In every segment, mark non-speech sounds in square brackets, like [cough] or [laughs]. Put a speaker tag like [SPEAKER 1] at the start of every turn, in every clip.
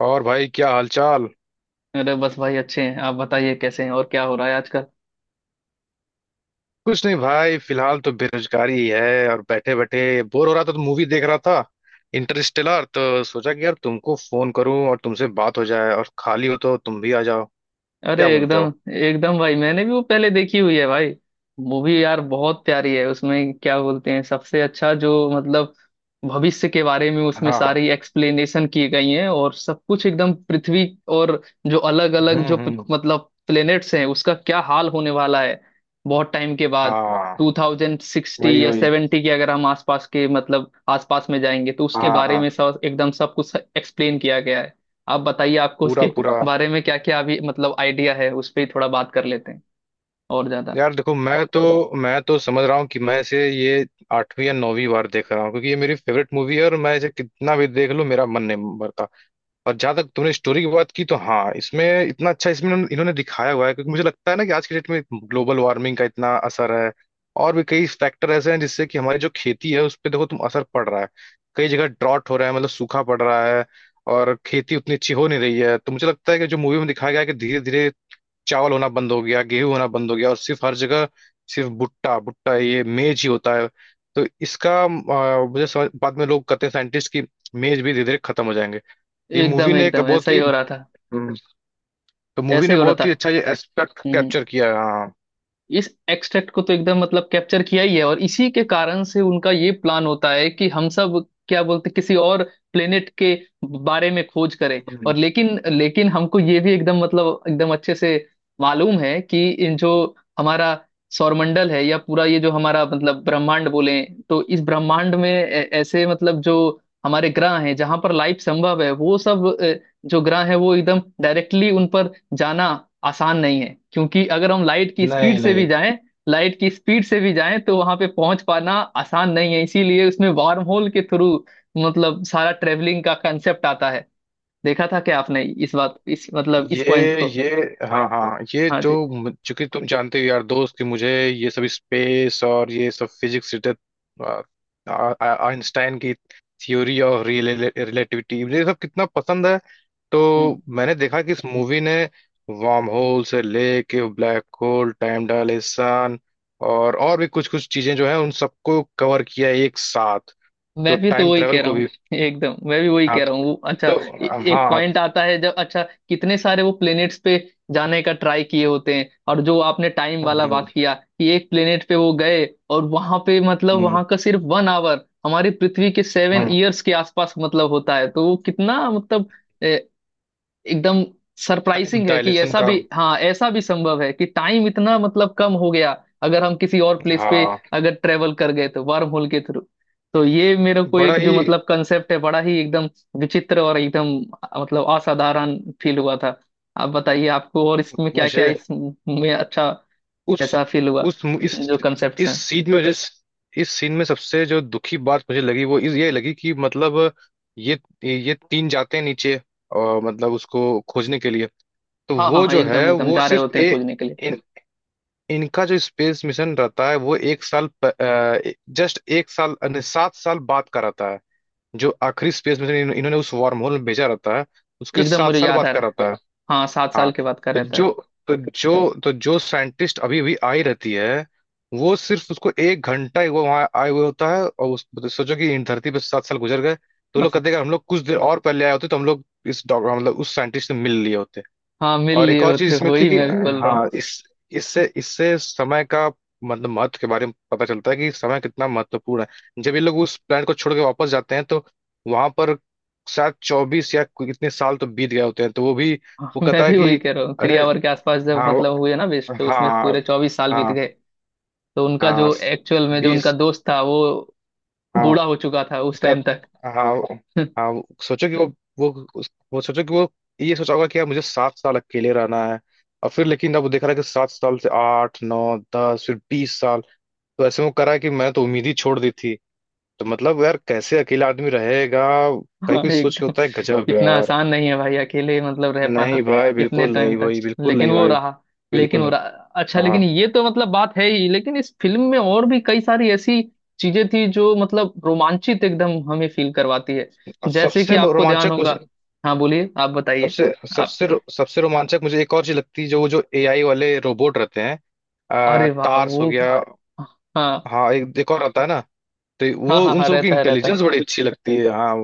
[SPEAKER 1] और भाई, क्या हालचाल?
[SPEAKER 2] अरे बस भाई अच्छे हैं। आप बताइए कैसे हैं और क्या हो रहा है आजकल।
[SPEAKER 1] कुछ नहीं भाई। फिलहाल तो बेरोजगारी ही है और बैठे बैठे बोर हो रहा था तो मूवी देख रहा था, इंटरस्टेलर। तो सोचा कि यार तुमको फोन करूं और तुमसे बात हो जाए, और खाली हो तो तुम भी आ जाओ।
[SPEAKER 2] अरे
[SPEAKER 1] क्या बोलते
[SPEAKER 2] एकदम
[SPEAKER 1] हो?
[SPEAKER 2] एकदम भाई, मैंने भी वो पहले देखी हुई है भाई। मूवी यार बहुत प्यारी है। उसमें क्या बोलते हैं सबसे अच्छा जो मतलब भविष्य के बारे में
[SPEAKER 1] हाँ,
[SPEAKER 2] उसमें
[SPEAKER 1] हाँ।
[SPEAKER 2] सारी एक्सप्लेनेशन की गई है और सब कुछ एकदम पृथ्वी और जो अलग अलग जो
[SPEAKER 1] हम्म, हम्म।
[SPEAKER 2] प्लेनेट्स हैं उसका क्या हाल होने वाला है बहुत टाइम के बाद।
[SPEAKER 1] हाँ।
[SPEAKER 2] 2060
[SPEAKER 1] वही,
[SPEAKER 2] या
[SPEAKER 1] वही।
[SPEAKER 2] 70 के अगर हम आसपास के आसपास में जाएंगे तो उसके
[SPEAKER 1] हाँ,
[SPEAKER 2] बारे
[SPEAKER 1] हाँ।
[SPEAKER 2] में सब एकदम सब कुछ एक्सप्लेन किया गया है। आप बताइए आपको
[SPEAKER 1] पूरा
[SPEAKER 2] उसके
[SPEAKER 1] पूरा।
[SPEAKER 2] बारे में क्या क्या अभी आइडिया है, उस पर ही थोड़ा बात कर लेते हैं और ज्यादा।
[SPEAKER 1] यार देखो, मैं तो समझ रहा हूँ कि मैं इसे ये आठवीं या नौवीं बार देख रहा हूँ क्योंकि ये मेरी फेवरेट मूवी है और मैं इसे कितना भी देख लूं मेरा मन नहीं भरता। और जहां तक तुमने स्टोरी की बात की, तो हाँ, इसमें इतना अच्छा, इसमें इन्होंने इन्होंने दिखाया हुआ है, क्योंकि मुझे लगता है ना कि आज के डेट में ग्लोबल वार्मिंग का इतना असर है। और भी कई फैक्टर ऐसे हैं जिससे कि हमारी जो खेती है उस पर, देखो तुम, असर पड़ रहा है। कई जगह ड्रॉट हो रहा है, मतलब सूखा पड़ रहा है और खेती उतनी अच्छी हो नहीं रही है। तो मुझे लगता है कि जो मूवी में दिखाया गया है कि धीरे धीरे चावल होना बंद हो गया, गेहूं होना बंद हो गया और सिर्फ हर जगह सिर्फ भुट्टा भुट्टा, ये मेज ही होता है। तो इसका मुझे समझ बाद में लोग कहते हैं साइंटिस्ट की मेज भी धीरे धीरे खत्म हो जाएंगे। ये मूवी
[SPEAKER 2] एकदम
[SPEAKER 1] ने एक
[SPEAKER 2] एकदम ऐसा
[SPEAKER 1] बहुत
[SPEAKER 2] ही
[SPEAKER 1] ही
[SPEAKER 2] हो रहा था।
[SPEAKER 1] तो मूवी
[SPEAKER 2] ऐसा
[SPEAKER 1] ने
[SPEAKER 2] ही हो रहा
[SPEAKER 1] बहुत
[SPEAKER 2] था।
[SPEAKER 1] ही अच्छा ये एस्पेक्ट
[SPEAKER 2] हम्म हम्म।
[SPEAKER 1] कैप्चर किया है, हाँ।
[SPEAKER 2] इस एक्सट्रैक्ट को तो एकदम कैप्चर किया ही है और इसी के कारण से उनका ये प्लान होता है कि हम सब क्या बोलते किसी और प्लेनेट के बारे में खोज करें। और लेकिन लेकिन हमको ये भी एकदम एकदम अच्छे से मालूम है कि इन जो हमारा सौरमंडल है या पूरा ये जो हमारा ब्रह्मांड बोले तो इस ब्रह्मांड में ऐसे जो हमारे ग्रह हैं जहां पर लाइफ संभव है वो सब जो ग्रह है वो एकदम डायरेक्टली उन पर जाना आसान नहीं है। क्योंकि अगर हम लाइट की स्पीड
[SPEAKER 1] नहीं,
[SPEAKER 2] से भी
[SPEAKER 1] नहीं।
[SPEAKER 2] जाएं, लाइट की स्पीड से भी जाएं तो वहां पे पहुंच पाना आसान नहीं है। इसीलिए उसमें वार्म होल के थ्रू सारा ट्रेवलिंग का कंसेप्ट आता है। देखा था क्या आपने इस बात इस इस पॉइंट
[SPEAKER 1] ये
[SPEAKER 2] को?
[SPEAKER 1] ये हाँ, हाँ।
[SPEAKER 2] हाँ
[SPEAKER 1] चूंकि तुम जानते हो यार दोस्त कि मुझे ये सब स्पेस और ये सब फिजिक्स रिलेटेड, आइंस्टाइन की थ्योरी और रिलेटिविटी, मुझे ये सब कितना पसंद है। तो
[SPEAKER 2] जी।
[SPEAKER 1] मैंने देखा कि इस मूवी ने वार्म होल से लेके ब्लैक होल, टाइम डायलेशन और भी कुछ कुछ चीजें जो है उन सबको कवर किया है एक साथ। तो
[SPEAKER 2] मैं भी तो
[SPEAKER 1] टाइम
[SPEAKER 2] वही
[SPEAKER 1] ट्रेवल
[SPEAKER 2] कह रहा
[SPEAKER 1] को भी।
[SPEAKER 2] हूँ एकदम, मैं भी वही
[SPEAKER 1] हाँ।
[SPEAKER 2] कह रहा हूँ। अच्छा,
[SPEAKER 1] तो
[SPEAKER 2] एक
[SPEAKER 1] हाँ।
[SPEAKER 2] पॉइंट आता है जब अच्छा कितने सारे वो प्लेनेट्स पे जाने का ट्राई किए होते हैं, और जो आपने टाइम वाला
[SPEAKER 1] हम्म,
[SPEAKER 2] बात किया कि एक प्लेनेट पे वो गए और वहां पे
[SPEAKER 1] हम्म,
[SPEAKER 2] वहां का सिर्फ 1 आवर हमारी पृथ्वी के सेवन
[SPEAKER 1] हम्म।
[SPEAKER 2] ईयर्स के आसपास होता है, तो वो कितना एकदम
[SPEAKER 1] टाइम
[SPEAKER 2] सरप्राइजिंग है कि
[SPEAKER 1] डायलेशन
[SPEAKER 2] ऐसा
[SPEAKER 1] का।
[SPEAKER 2] भी, हाँ, ऐसा भी संभव है कि टाइम इतना कम हो गया अगर हम किसी और प्लेस पे
[SPEAKER 1] हाँ।
[SPEAKER 2] अगर ट्रेवल कर गए तो वर्म होल के थ्रू। तो ये मेरे को
[SPEAKER 1] बड़ा
[SPEAKER 2] एक जो
[SPEAKER 1] ही।
[SPEAKER 2] कंसेप्ट है बड़ा ही एकदम विचित्र और एकदम असाधारण फील हुआ था। आप बताइए आपको और इसमें क्या क्या
[SPEAKER 1] मुझे
[SPEAKER 2] इसमें अच्छा
[SPEAKER 1] उस
[SPEAKER 2] ऐसा फील हुआ
[SPEAKER 1] उस
[SPEAKER 2] जो कंसेप्ट
[SPEAKER 1] इस
[SPEAKER 2] हैं।
[SPEAKER 1] सीन में जिस इस सीन में सबसे जो दुखी बात मुझे लगी, वो इस ये लगी कि मतलब ये ये तीन जाते हैं नीचे, और मतलब उसको खोजने के लिए। तो
[SPEAKER 2] हाँ हाँ
[SPEAKER 1] वो
[SPEAKER 2] हाँ,
[SPEAKER 1] जो
[SPEAKER 2] एकदम
[SPEAKER 1] है,
[SPEAKER 2] एकदम
[SPEAKER 1] वो
[SPEAKER 2] जा रहे
[SPEAKER 1] सिर्फ
[SPEAKER 2] होते हैं खोजने के लिए।
[SPEAKER 1] इन, इनका जो स्पेस मिशन रहता है वो एक साल, जस्ट एक साल नहीं, 7 साल बाद का रहता है। जो आखिरी स्पेस में से इन्होंने उस वार्म होल में भेजा रहता है, उसके
[SPEAKER 2] एकदम
[SPEAKER 1] सात
[SPEAKER 2] मुझे
[SPEAKER 1] साल
[SPEAKER 2] याद
[SPEAKER 1] बाद
[SPEAKER 2] आ
[SPEAKER 1] का
[SPEAKER 2] रहा है,
[SPEAKER 1] रहता है।
[SPEAKER 2] हाँ 7 साल
[SPEAKER 1] हाँ।
[SPEAKER 2] के बाद का
[SPEAKER 1] तो
[SPEAKER 2] रहता है।
[SPEAKER 1] जो तो तो जो साइंटिस्ट अभी भी आई रहती है, वो सिर्फ उसको एक घंटा ही वो वहां आए हुए होता है। और उस, तो सोचो कि इन धरती पे 7 साल गुजर गए, तो वो लोग
[SPEAKER 2] [laughs]
[SPEAKER 1] कहते हैं, अगर हम लोग कुछ देर और पहले आए होते तो हम लोग इस डॉक्टर, मतलब उस साइंटिस्ट से मिल लिए होते।
[SPEAKER 2] हाँ, मिल
[SPEAKER 1] और एक
[SPEAKER 2] लिए
[SPEAKER 1] और चीज
[SPEAKER 2] होते,
[SPEAKER 1] इसमें थी
[SPEAKER 2] वही
[SPEAKER 1] कि,
[SPEAKER 2] मैं भी बोल रहा हूँ।
[SPEAKER 1] हाँ, इस, इससे इससे समय का मतलब महत्व के बारे में पता चलता है कि समय कितना महत्वपूर्ण है। जब ये लोग उस प्लांट को छोड़ के वापस जाते हैं तो वहां पर शायद 24 या कोई इतने साल तो बीत गए होते हैं, तो वो भी
[SPEAKER 2] [laughs] हाँ,
[SPEAKER 1] वो
[SPEAKER 2] मैं
[SPEAKER 1] कहता है
[SPEAKER 2] भी
[SPEAKER 1] कि
[SPEAKER 2] वही कह रहा हूँ, थ्री
[SPEAKER 1] अरे।
[SPEAKER 2] आवर के आसपास जब
[SPEAKER 1] हाँ,
[SPEAKER 2] हुए ना वेस्ट, तो उसमें
[SPEAKER 1] हाँ,
[SPEAKER 2] पूरे 24 साल बीत
[SPEAKER 1] हाँ,
[SPEAKER 2] गए। तो उनका
[SPEAKER 1] हाँ।
[SPEAKER 2] जो एक्चुअल में जो उनका
[SPEAKER 1] बीस।
[SPEAKER 2] दोस्त था वो
[SPEAKER 1] हाँ।
[SPEAKER 2] बूढ़ा हो चुका था उस
[SPEAKER 1] का-
[SPEAKER 2] टाइम तक।
[SPEAKER 1] हाँ,
[SPEAKER 2] [laughs]
[SPEAKER 1] हाँ। सोचो कि वो ये सोचा होगा कि यार मुझे 7 साल अकेले रहना है। और फिर लेकिन अब वो देख रहा है कि 7 साल से 8, 9, 10 फिर 20 साल। तो ऐसे में करा है कि मैंने तो उम्मीद ही छोड़ दी थी। तो मतलब यार कैसे अकेला आदमी रहेगा? कहीं
[SPEAKER 2] हाँ,
[SPEAKER 1] कोई सोच के
[SPEAKER 2] एकदम।
[SPEAKER 1] होता है, गजब
[SPEAKER 2] इतना
[SPEAKER 1] यार।
[SPEAKER 2] आसान नहीं है भाई अकेले रह पाना
[SPEAKER 1] नहीं भाई,
[SPEAKER 2] इतने
[SPEAKER 1] बिल्कुल
[SPEAKER 2] टाइम
[SPEAKER 1] नहीं
[SPEAKER 2] तक।
[SPEAKER 1] भाई, बिल्कुल
[SPEAKER 2] लेकिन
[SPEAKER 1] नहीं
[SPEAKER 2] वो
[SPEAKER 1] भाई,
[SPEAKER 2] रहा। लेकिन
[SPEAKER 1] बिल्कुल
[SPEAKER 2] वो
[SPEAKER 1] नहीं।
[SPEAKER 2] रहा। अच्छा
[SPEAKER 1] हाँ।
[SPEAKER 2] लेकिन ये तो बात है ही, लेकिन इस फिल्म में और भी कई सारी ऐसी चीजें थी जो रोमांचित एकदम हमें फील करवाती है।
[SPEAKER 1] और
[SPEAKER 2] जैसे कि
[SPEAKER 1] सबसे
[SPEAKER 2] आपको ध्यान
[SPEAKER 1] रोमांचक
[SPEAKER 2] होगा,
[SPEAKER 1] मुझे,
[SPEAKER 2] हाँ बोलिए आप बताइए।
[SPEAKER 1] सबसे सबसे रो- सबसे रोमांचक मुझे एक और चीज लगती है, जो वो जो एआई वाले रोबोट रहते हैं।
[SPEAKER 2] अरे वाह
[SPEAKER 1] टार्स
[SPEAKER 2] वो,
[SPEAKER 1] हो गया।
[SPEAKER 2] हाँ
[SPEAKER 1] हाँ, एक एक और आता है ना। तो
[SPEAKER 2] हाँ
[SPEAKER 1] वो
[SPEAKER 2] हाँ,
[SPEAKER 1] उन
[SPEAKER 2] हाँ
[SPEAKER 1] सब की
[SPEAKER 2] रहता है रहता
[SPEAKER 1] इंटेलिजेंस
[SPEAKER 2] है।
[SPEAKER 1] बड़ी अच्छी लगती है, हाँ।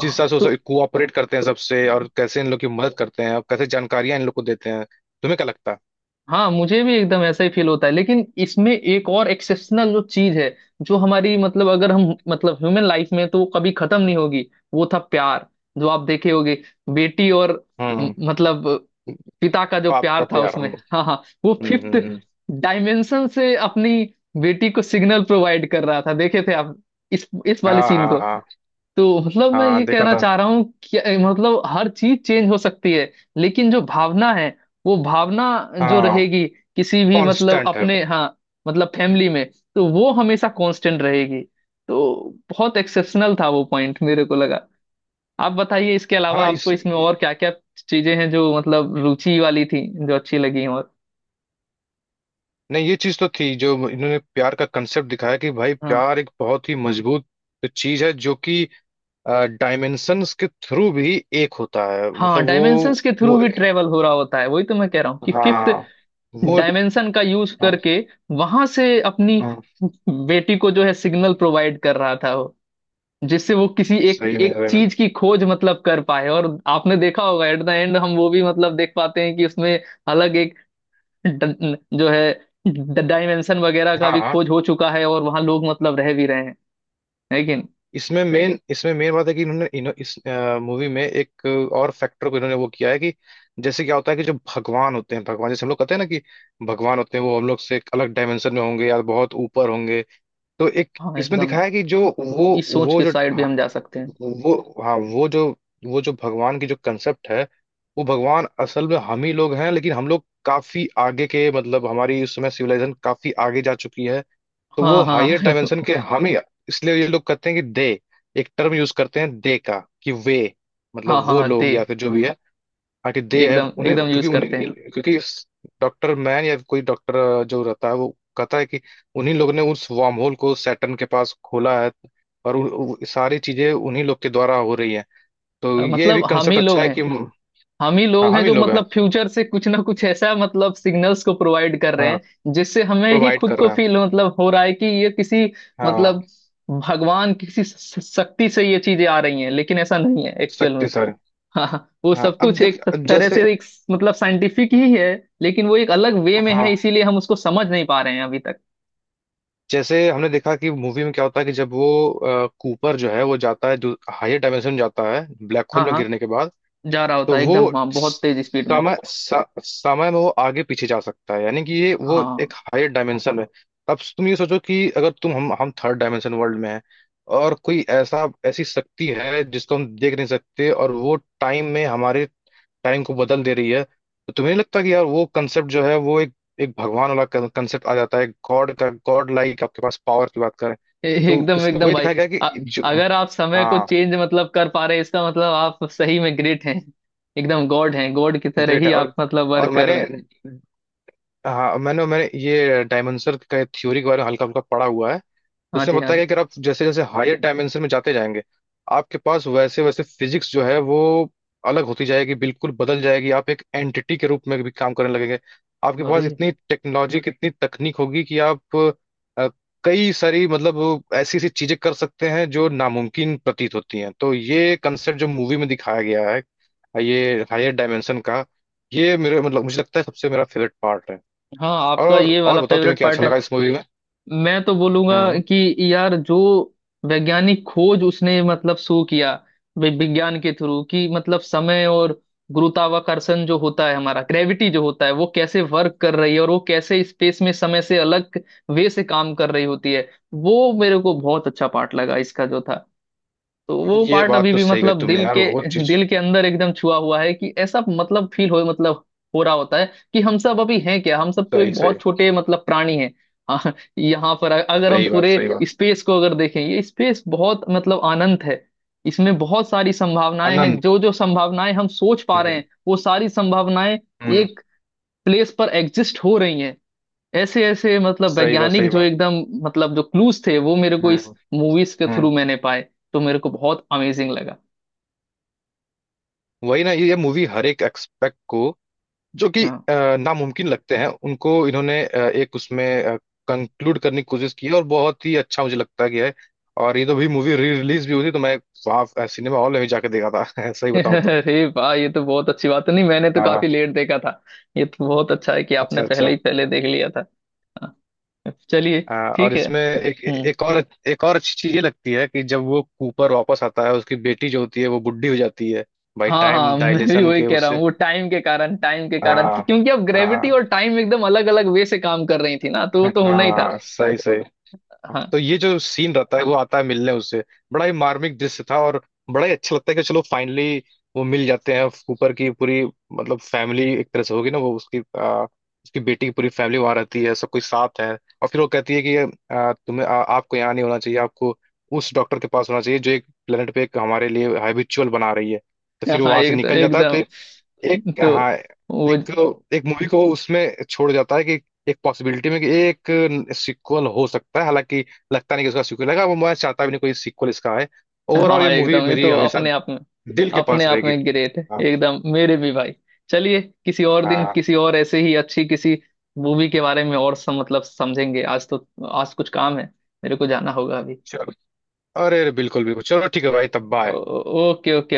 [SPEAKER 1] जिस हिसाब से वो सब
[SPEAKER 2] तो
[SPEAKER 1] कोऑपरेट करते हैं सबसे, और कैसे इन लोग की मदद करते हैं और कैसे जानकारियां इन लोग को देते हैं। तुम्हें क्या लगता है?
[SPEAKER 2] हाँ मुझे भी एकदम ऐसा ही फील होता है। लेकिन इसमें एक और एक्सेप्शनल जो चीज है जो हमारी अगर हम ह्यूमन लाइफ में तो वो कभी खत्म नहीं होगी, वो था प्यार। जो आप देखे होगे बेटी और म-
[SPEAKER 1] हम्म।
[SPEAKER 2] मतलब पिता का जो
[SPEAKER 1] बाप का
[SPEAKER 2] प्यार था
[SPEAKER 1] प्यार। हम
[SPEAKER 2] उसमें, हाँ हाँ वो
[SPEAKER 1] हम्म,
[SPEAKER 2] फिफ्थ डायमेंशन से अपनी बेटी को सिग्नल प्रोवाइड कर रहा था। देखे थे आप इस वाले
[SPEAKER 1] हाँ,
[SPEAKER 2] सीन
[SPEAKER 1] हाँ,
[SPEAKER 2] को?
[SPEAKER 1] हाँ।
[SPEAKER 2] तो मैं
[SPEAKER 1] हाँ,
[SPEAKER 2] ये
[SPEAKER 1] देखा
[SPEAKER 2] कहना
[SPEAKER 1] था।
[SPEAKER 2] चाह रहा हूँ कि हर चीज चेंज हो सकती है, लेकिन जो भावना है वो भावना जो
[SPEAKER 1] हाँ।
[SPEAKER 2] रहेगी किसी भी
[SPEAKER 1] कांस्टेंट है।
[SPEAKER 2] अपने, हाँ, फैमिली में, तो वो हमेशा कांस्टेंट रहेगी। तो बहुत एक्सेप्शनल था वो पॉइंट मेरे को लगा। आप बताइए इसके अलावा
[SPEAKER 1] हाँ,
[SPEAKER 2] आपको
[SPEAKER 1] इस
[SPEAKER 2] इसमें और क्या क्या चीजें हैं जो रुचि वाली थी, जो अच्छी लगी और
[SPEAKER 1] नहीं, ये चीज तो थी जो इन्होंने प्यार का कंसेप्ट दिखाया, कि भाई
[SPEAKER 2] हाँ
[SPEAKER 1] प्यार एक बहुत ही मजबूत चीज है जो कि डायमेंशंस के थ्रू भी एक होता है,
[SPEAKER 2] हाँ।
[SPEAKER 1] मतलब वो।
[SPEAKER 2] डायमेंशंस के थ्रू
[SPEAKER 1] वो।
[SPEAKER 2] भी ट्रेवल हो रहा होता है, वही तो मैं कह रहा हूँ कि फिफ्थ
[SPEAKER 1] हाँ। वो।
[SPEAKER 2] डायमेंशन का यूज
[SPEAKER 1] हाँ,
[SPEAKER 2] करके वहां से अपनी
[SPEAKER 1] हाँ,
[SPEAKER 2] बेटी को जो है सिग्नल प्रोवाइड कर रहा था वो, जिससे वो किसी एक
[SPEAKER 1] सही में,
[SPEAKER 2] एक
[SPEAKER 1] सही में।
[SPEAKER 2] चीज की खोज कर पाए। और आपने देखा होगा एट द एंड हम वो भी देख पाते हैं कि उसमें अलग एक जो है डायमेंशन वगैरह का
[SPEAKER 1] हाँ,
[SPEAKER 2] भी
[SPEAKER 1] हाँ।
[SPEAKER 2] खोज हो चुका है और वहां लोग रह भी रहे हैं लेकिन।
[SPEAKER 1] इसमें मेन, इसमें मेन बात है कि इन्होंने इस मूवी में एक और फैक्टर को इन्होंने वो किया है कि, जैसे क्या होता है कि जो भगवान होते हैं, भगवान, जैसे हम लोग कहते हैं ना कि भगवान होते हैं वो हम लोग से एक अलग डायमेंशन में होंगे या बहुत ऊपर होंगे। तो एक
[SPEAKER 2] हाँ
[SPEAKER 1] इसमें
[SPEAKER 2] एकदम,
[SPEAKER 1] दिखाया है कि जो
[SPEAKER 2] इस सोच
[SPEAKER 1] वो
[SPEAKER 2] के
[SPEAKER 1] जो
[SPEAKER 2] साइड भी
[SPEAKER 1] हाँ,
[SPEAKER 2] हम जा सकते हैं।
[SPEAKER 1] वो हाँ वो जो वो जो भगवान की जो कंसेप्ट है, वो भगवान असल में हम ही लोग हैं। लेकिन हम लोग काफी आगे के, मतलब हमारी उस समय सिविलाइजेशन काफी आगे जा चुकी है, तो वो
[SPEAKER 2] हाँ हाँ
[SPEAKER 1] हायर
[SPEAKER 2] [laughs]
[SPEAKER 1] डायमेंशन के हम ही। इसलिए ये लोग कहते हैं कि दे, एक टर्म यूज करते हैं दे का, कि वे, मतलब
[SPEAKER 2] हाँ हाँ
[SPEAKER 1] वो
[SPEAKER 2] हाँ,
[SPEAKER 1] लोग
[SPEAKER 2] दे
[SPEAKER 1] या फिर जो भी है, हाँ, कि दे है
[SPEAKER 2] एकदम
[SPEAKER 1] उन्हें,
[SPEAKER 2] एकदम
[SPEAKER 1] क्योंकि
[SPEAKER 2] यूज
[SPEAKER 1] उन्हें
[SPEAKER 2] करते हैं।
[SPEAKER 1] क्योंकि डॉक्टर मैन या कोई डॉक्टर जो रहता है वो कहता है कि उन्हीं लोग ने उस वार्म होल को सैटर्न के पास खोला है। और उ, उ, सारी चीजें उन्हीं लोग के द्वारा हो रही है। तो
[SPEAKER 2] अ,
[SPEAKER 1] ये भी
[SPEAKER 2] मतलब हम
[SPEAKER 1] कंसेप्ट
[SPEAKER 2] ही
[SPEAKER 1] अच्छा
[SPEAKER 2] लोग
[SPEAKER 1] है
[SPEAKER 2] हैं।
[SPEAKER 1] कि हाँ,
[SPEAKER 2] हम ही लोग
[SPEAKER 1] हम
[SPEAKER 2] हैं
[SPEAKER 1] ही
[SPEAKER 2] जो
[SPEAKER 1] लोग हैं।
[SPEAKER 2] फ्यूचर से कुछ ना कुछ ऐसा सिग्नल्स को प्रोवाइड कर रहे
[SPEAKER 1] हाँ,
[SPEAKER 2] हैं, जिससे हमें ही
[SPEAKER 1] प्रोवाइड
[SPEAKER 2] खुद
[SPEAKER 1] कर
[SPEAKER 2] को
[SPEAKER 1] रहे हैं।
[SPEAKER 2] फील हो रहा है कि ये किसी
[SPEAKER 1] हाँ।
[SPEAKER 2] मतलब भगवान किसी शक्ति से ये चीजें आ रही हैं, लेकिन ऐसा नहीं है एक्चुअल
[SPEAKER 1] शक्ति
[SPEAKER 2] में।
[SPEAKER 1] सर।
[SPEAKER 2] हाँ हाँ, वो
[SPEAKER 1] हाँ,
[SPEAKER 2] सब
[SPEAKER 1] अब
[SPEAKER 2] कुछ
[SPEAKER 1] देख,
[SPEAKER 2] एक
[SPEAKER 1] अब
[SPEAKER 2] तरह
[SPEAKER 1] जैसे,
[SPEAKER 2] से एक साइंटिफिक ही है, लेकिन वो एक अलग वे में है,
[SPEAKER 1] हाँ।
[SPEAKER 2] इसीलिए हम उसको समझ नहीं पा रहे हैं अभी तक।
[SPEAKER 1] जैसे हमने देखा कि मूवी में क्या होता है कि जब वो कूपर जो है वो जाता है, जो हायर डायमेंशन में जाता है ब्लैक होल
[SPEAKER 2] हाँ
[SPEAKER 1] में
[SPEAKER 2] हाँ,
[SPEAKER 1] गिरने के बाद,
[SPEAKER 2] जा रहा होता
[SPEAKER 1] तो
[SPEAKER 2] है
[SPEAKER 1] वो
[SPEAKER 2] एकदम हाँ बहुत तेज स्पीड में।
[SPEAKER 1] समय स, समय में वो आगे पीछे जा सकता है, यानी कि ये
[SPEAKER 2] हाँ
[SPEAKER 1] वो एक
[SPEAKER 2] हाँ।
[SPEAKER 1] हायर डायमेंशन है। अब तुम ये सोचो कि अगर तुम हम थर्ड डायमेंशन वर्ल्ड में हैं, और कोई ऐसा, ऐसी शक्ति है जिसको हम देख नहीं सकते और वो टाइम में हमारे टाइम को बदल दे रही है, तो तुम्हें नहीं लगता कि यार वो कंसेप्ट जो है वो एक, एक भगवान वाला कंसेप्ट आ जाता है? गॉड का, गॉड लाइक आपके पास पावर की बात करें। तो
[SPEAKER 2] एकदम
[SPEAKER 1] इसमें
[SPEAKER 2] एकदम
[SPEAKER 1] वही
[SPEAKER 2] भाई।
[SPEAKER 1] दिखाया गया है
[SPEAKER 2] अ-
[SPEAKER 1] कि जो,
[SPEAKER 2] अगर आप समय को
[SPEAKER 1] हाँ,
[SPEAKER 2] चेंज कर पा रहे हैं, इसका मतलब आप सही में ग्रेट हैं। एकदम गॉड हैं, गॉड की तरह
[SPEAKER 1] ग्रेट
[SPEAKER 2] ही
[SPEAKER 1] है। और
[SPEAKER 2] आप
[SPEAKER 1] और
[SPEAKER 2] वर्क कर
[SPEAKER 1] मैंने,
[SPEAKER 2] रहे हैं।
[SPEAKER 1] हाँ, मैंने मैंने ये डायमेंशन का थ्योरी के बारे में हल्का हल्का पढ़ा हुआ है।
[SPEAKER 2] हाँ
[SPEAKER 1] उसमें
[SPEAKER 2] जी हाँ
[SPEAKER 1] बताया
[SPEAKER 2] जी।
[SPEAKER 1] गया कि अगर आप जैसे जैसे हायर डायमेंशन में जाते जाएंगे, आपके पास वैसे वैसे फिजिक्स जो है वो अलग होती जाएगी, बिल्कुल बदल जाएगी। आप एक एंटिटी के रूप में भी काम करने लगेंगे। आपके
[SPEAKER 2] अरे
[SPEAKER 1] पास इतनी टेक्नोलॉजी, कितनी तकनीक होगी कि आप अ, कई सारी, मतलब ऐसी ऐसी चीजें कर सकते हैं जो नामुमकिन प्रतीत होती हैं। तो ये कंसेप्ट जो मूवी में दिखाया गया है, ये हायर डायमेंशन का, ये मेरे, मतलब मुझे लगता है सबसे मेरा फेवरेट पार्ट है।
[SPEAKER 2] हाँ, आपका ये
[SPEAKER 1] और
[SPEAKER 2] वाला
[SPEAKER 1] बताओ, तुम्हें
[SPEAKER 2] फेवरेट
[SPEAKER 1] क्या
[SPEAKER 2] पार्ट
[SPEAKER 1] अच्छा
[SPEAKER 2] है।
[SPEAKER 1] लगा इस मूवी में?
[SPEAKER 2] मैं तो बोलूंगा
[SPEAKER 1] हम्म।
[SPEAKER 2] कि यार जो वैज्ञानिक खोज उसने शो किया विज्ञान के थ्रू, कि समय और गुरुत्वाकर्षण जो होता है हमारा ग्रेविटी जो होता है वो कैसे वर्क कर रही है और वो कैसे स्पेस में समय से अलग वे से काम कर रही होती है, वो मेरे को बहुत अच्छा पार्ट लगा इसका जो था। तो वो
[SPEAKER 1] ये
[SPEAKER 2] पार्ट
[SPEAKER 1] बात
[SPEAKER 2] अभी
[SPEAKER 1] तो
[SPEAKER 2] भी
[SPEAKER 1] सही गई तुमने, यार बहुत चीज।
[SPEAKER 2] दिल के अंदर एकदम छुआ हुआ है, कि ऐसा फील हो हो रहा होता है कि हम सब अभी हैं क्या, हम सब तो
[SPEAKER 1] सही,
[SPEAKER 2] एक
[SPEAKER 1] सही।
[SPEAKER 2] बहुत छोटे प्राणी हैं। हाँ, यहाँ पर अगर हम
[SPEAKER 1] सही बात,
[SPEAKER 2] पूरे
[SPEAKER 1] सही बात।
[SPEAKER 2] स्पेस को अगर देखें ये स्पेस बहुत अनंत है। इसमें बहुत सारी संभावनाएं हैं,
[SPEAKER 1] अनंत।
[SPEAKER 2] जो जो संभावनाएं हम सोच पा रहे
[SPEAKER 1] हम्म,
[SPEAKER 2] हैं वो सारी संभावनाएं
[SPEAKER 1] हम्म।
[SPEAKER 2] एक प्लेस पर एग्जिस्ट हो रही हैं। ऐसे ऐसे
[SPEAKER 1] सही बात,
[SPEAKER 2] वैज्ञानिक
[SPEAKER 1] सही
[SPEAKER 2] जो
[SPEAKER 1] बात।
[SPEAKER 2] एकदम जो क्लूज थे वो मेरे को इस
[SPEAKER 1] हम्म,
[SPEAKER 2] मूवीज के
[SPEAKER 1] हम्म।
[SPEAKER 2] थ्रू मैंने पाए। तो मेरे को बहुत अमेजिंग लगा।
[SPEAKER 1] वही ना, ये मूवी हर एक एक्सपेक्ट को, जो कि
[SPEAKER 2] हाँ।
[SPEAKER 1] नामुमकिन लगते हैं, उनको इन्होंने एक उसमें कंक्लूड करने की कोशिश की है, और बहुत ही अच्छा मुझे लगता गया है। और ये तो भी मूवी री रिलीज भी हुई थी, तो मैं वहाँ सिनेमा हॉल में भी जाके देखा था, [laughs] सही
[SPEAKER 2] [laughs]
[SPEAKER 1] बताऊं तो।
[SPEAKER 2] अरे वाह, ये तो बहुत अच्छी बात है। नहीं, मैंने तो
[SPEAKER 1] हाँ,
[SPEAKER 2] काफी लेट देखा था। ये तो बहुत अच्छा है कि आपने
[SPEAKER 1] अच्छा, अच्छा।
[SPEAKER 2] पहले ही पहले देख लिया था। हाँ, चलिए
[SPEAKER 1] आ, और
[SPEAKER 2] ठीक है।
[SPEAKER 1] इसमें एक
[SPEAKER 2] हम्म।
[SPEAKER 1] एक और अच्छी चीज ये लगती है कि जब वो कूपर वापस आता है, उसकी बेटी जो होती है वो बुढ़ी हो जाती है, भाई
[SPEAKER 2] हाँ हाँ,
[SPEAKER 1] टाइम
[SPEAKER 2] मैं भी
[SPEAKER 1] डायलेशन
[SPEAKER 2] वही
[SPEAKER 1] के
[SPEAKER 2] कह रहा हूँ,
[SPEAKER 1] उससे।
[SPEAKER 2] वो टाइम के कारण, टाइम के कारण कि
[SPEAKER 1] हाँ,
[SPEAKER 2] क्योंकि अब ग्रेविटी
[SPEAKER 1] हाँ,
[SPEAKER 2] और टाइम एकदम अलग अलग वे से काम कर रही थी ना, तो वो तो होना ही था।
[SPEAKER 1] हाँ, सही सही।
[SPEAKER 2] हाँ
[SPEAKER 1] तो ये जो सीन रहता है, वो आता है मिलने उससे, बड़ा ही मार्मिक दृश्य था। और बड़ा ही अच्छा लगता है कि चलो फाइनली वो मिल जाते हैं, कूपर की पूरी मतलब फैमिली एक तरह से होगी ना वो, उसकी उसकी बेटी की पूरी फैमिली वहां रहती है, सब कोई साथ है। और फिर वो कहती है कि आपको यहाँ नहीं होना चाहिए, आपको उस डॉक्टर के पास होना चाहिए जो एक प्लेनेट पे एक हमारे लिए हैबिचुअल बना रही है। तो फिर वो
[SPEAKER 2] हाँ
[SPEAKER 1] वहां से
[SPEAKER 2] एकदम
[SPEAKER 1] निकल जाता है। तो
[SPEAKER 2] एकदम।
[SPEAKER 1] एक,
[SPEAKER 2] तो
[SPEAKER 1] हाँ,
[SPEAKER 2] वो,
[SPEAKER 1] एक, एक मूवी को उसमें छोड़ जाता है कि एक पॉसिबिलिटी में कि एक सीक्वल हो सकता है। हालांकि लगता नहीं कि उसका सीक्वल है, वो मैं चाहता भी नहीं कोई सीक्वल इसका है। ओवरऑल
[SPEAKER 2] हाँ
[SPEAKER 1] ये मूवी
[SPEAKER 2] एकदम। ये
[SPEAKER 1] मेरी
[SPEAKER 2] तो
[SPEAKER 1] हमेशा दिल के
[SPEAKER 2] अपने
[SPEAKER 1] पास
[SPEAKER 2] आप
[SPEAKER 1] रहेगी।
[SPEAKER 2] में ग्रेट है
[SPEAKER 1] हाँ,
[SPEAKER 2] एकदम मेरे भी भाई। चलिए किसी और दिन
[SPEAKER 1] हाँ।
[SPEAKER 2] किसी और ऐसे ही अच्छी किसी मूवी के बारे में और सम समझेंगे। आज तो आज कुछ काम है, मेरे को जाना होगा अभी।
[SPEAKER 1] चलो। अरे, अरे, बिल्कुल, बिल्कुल। चलो ठीक है भाई, तब बाय।
[SPEAKER 2] Okay okay.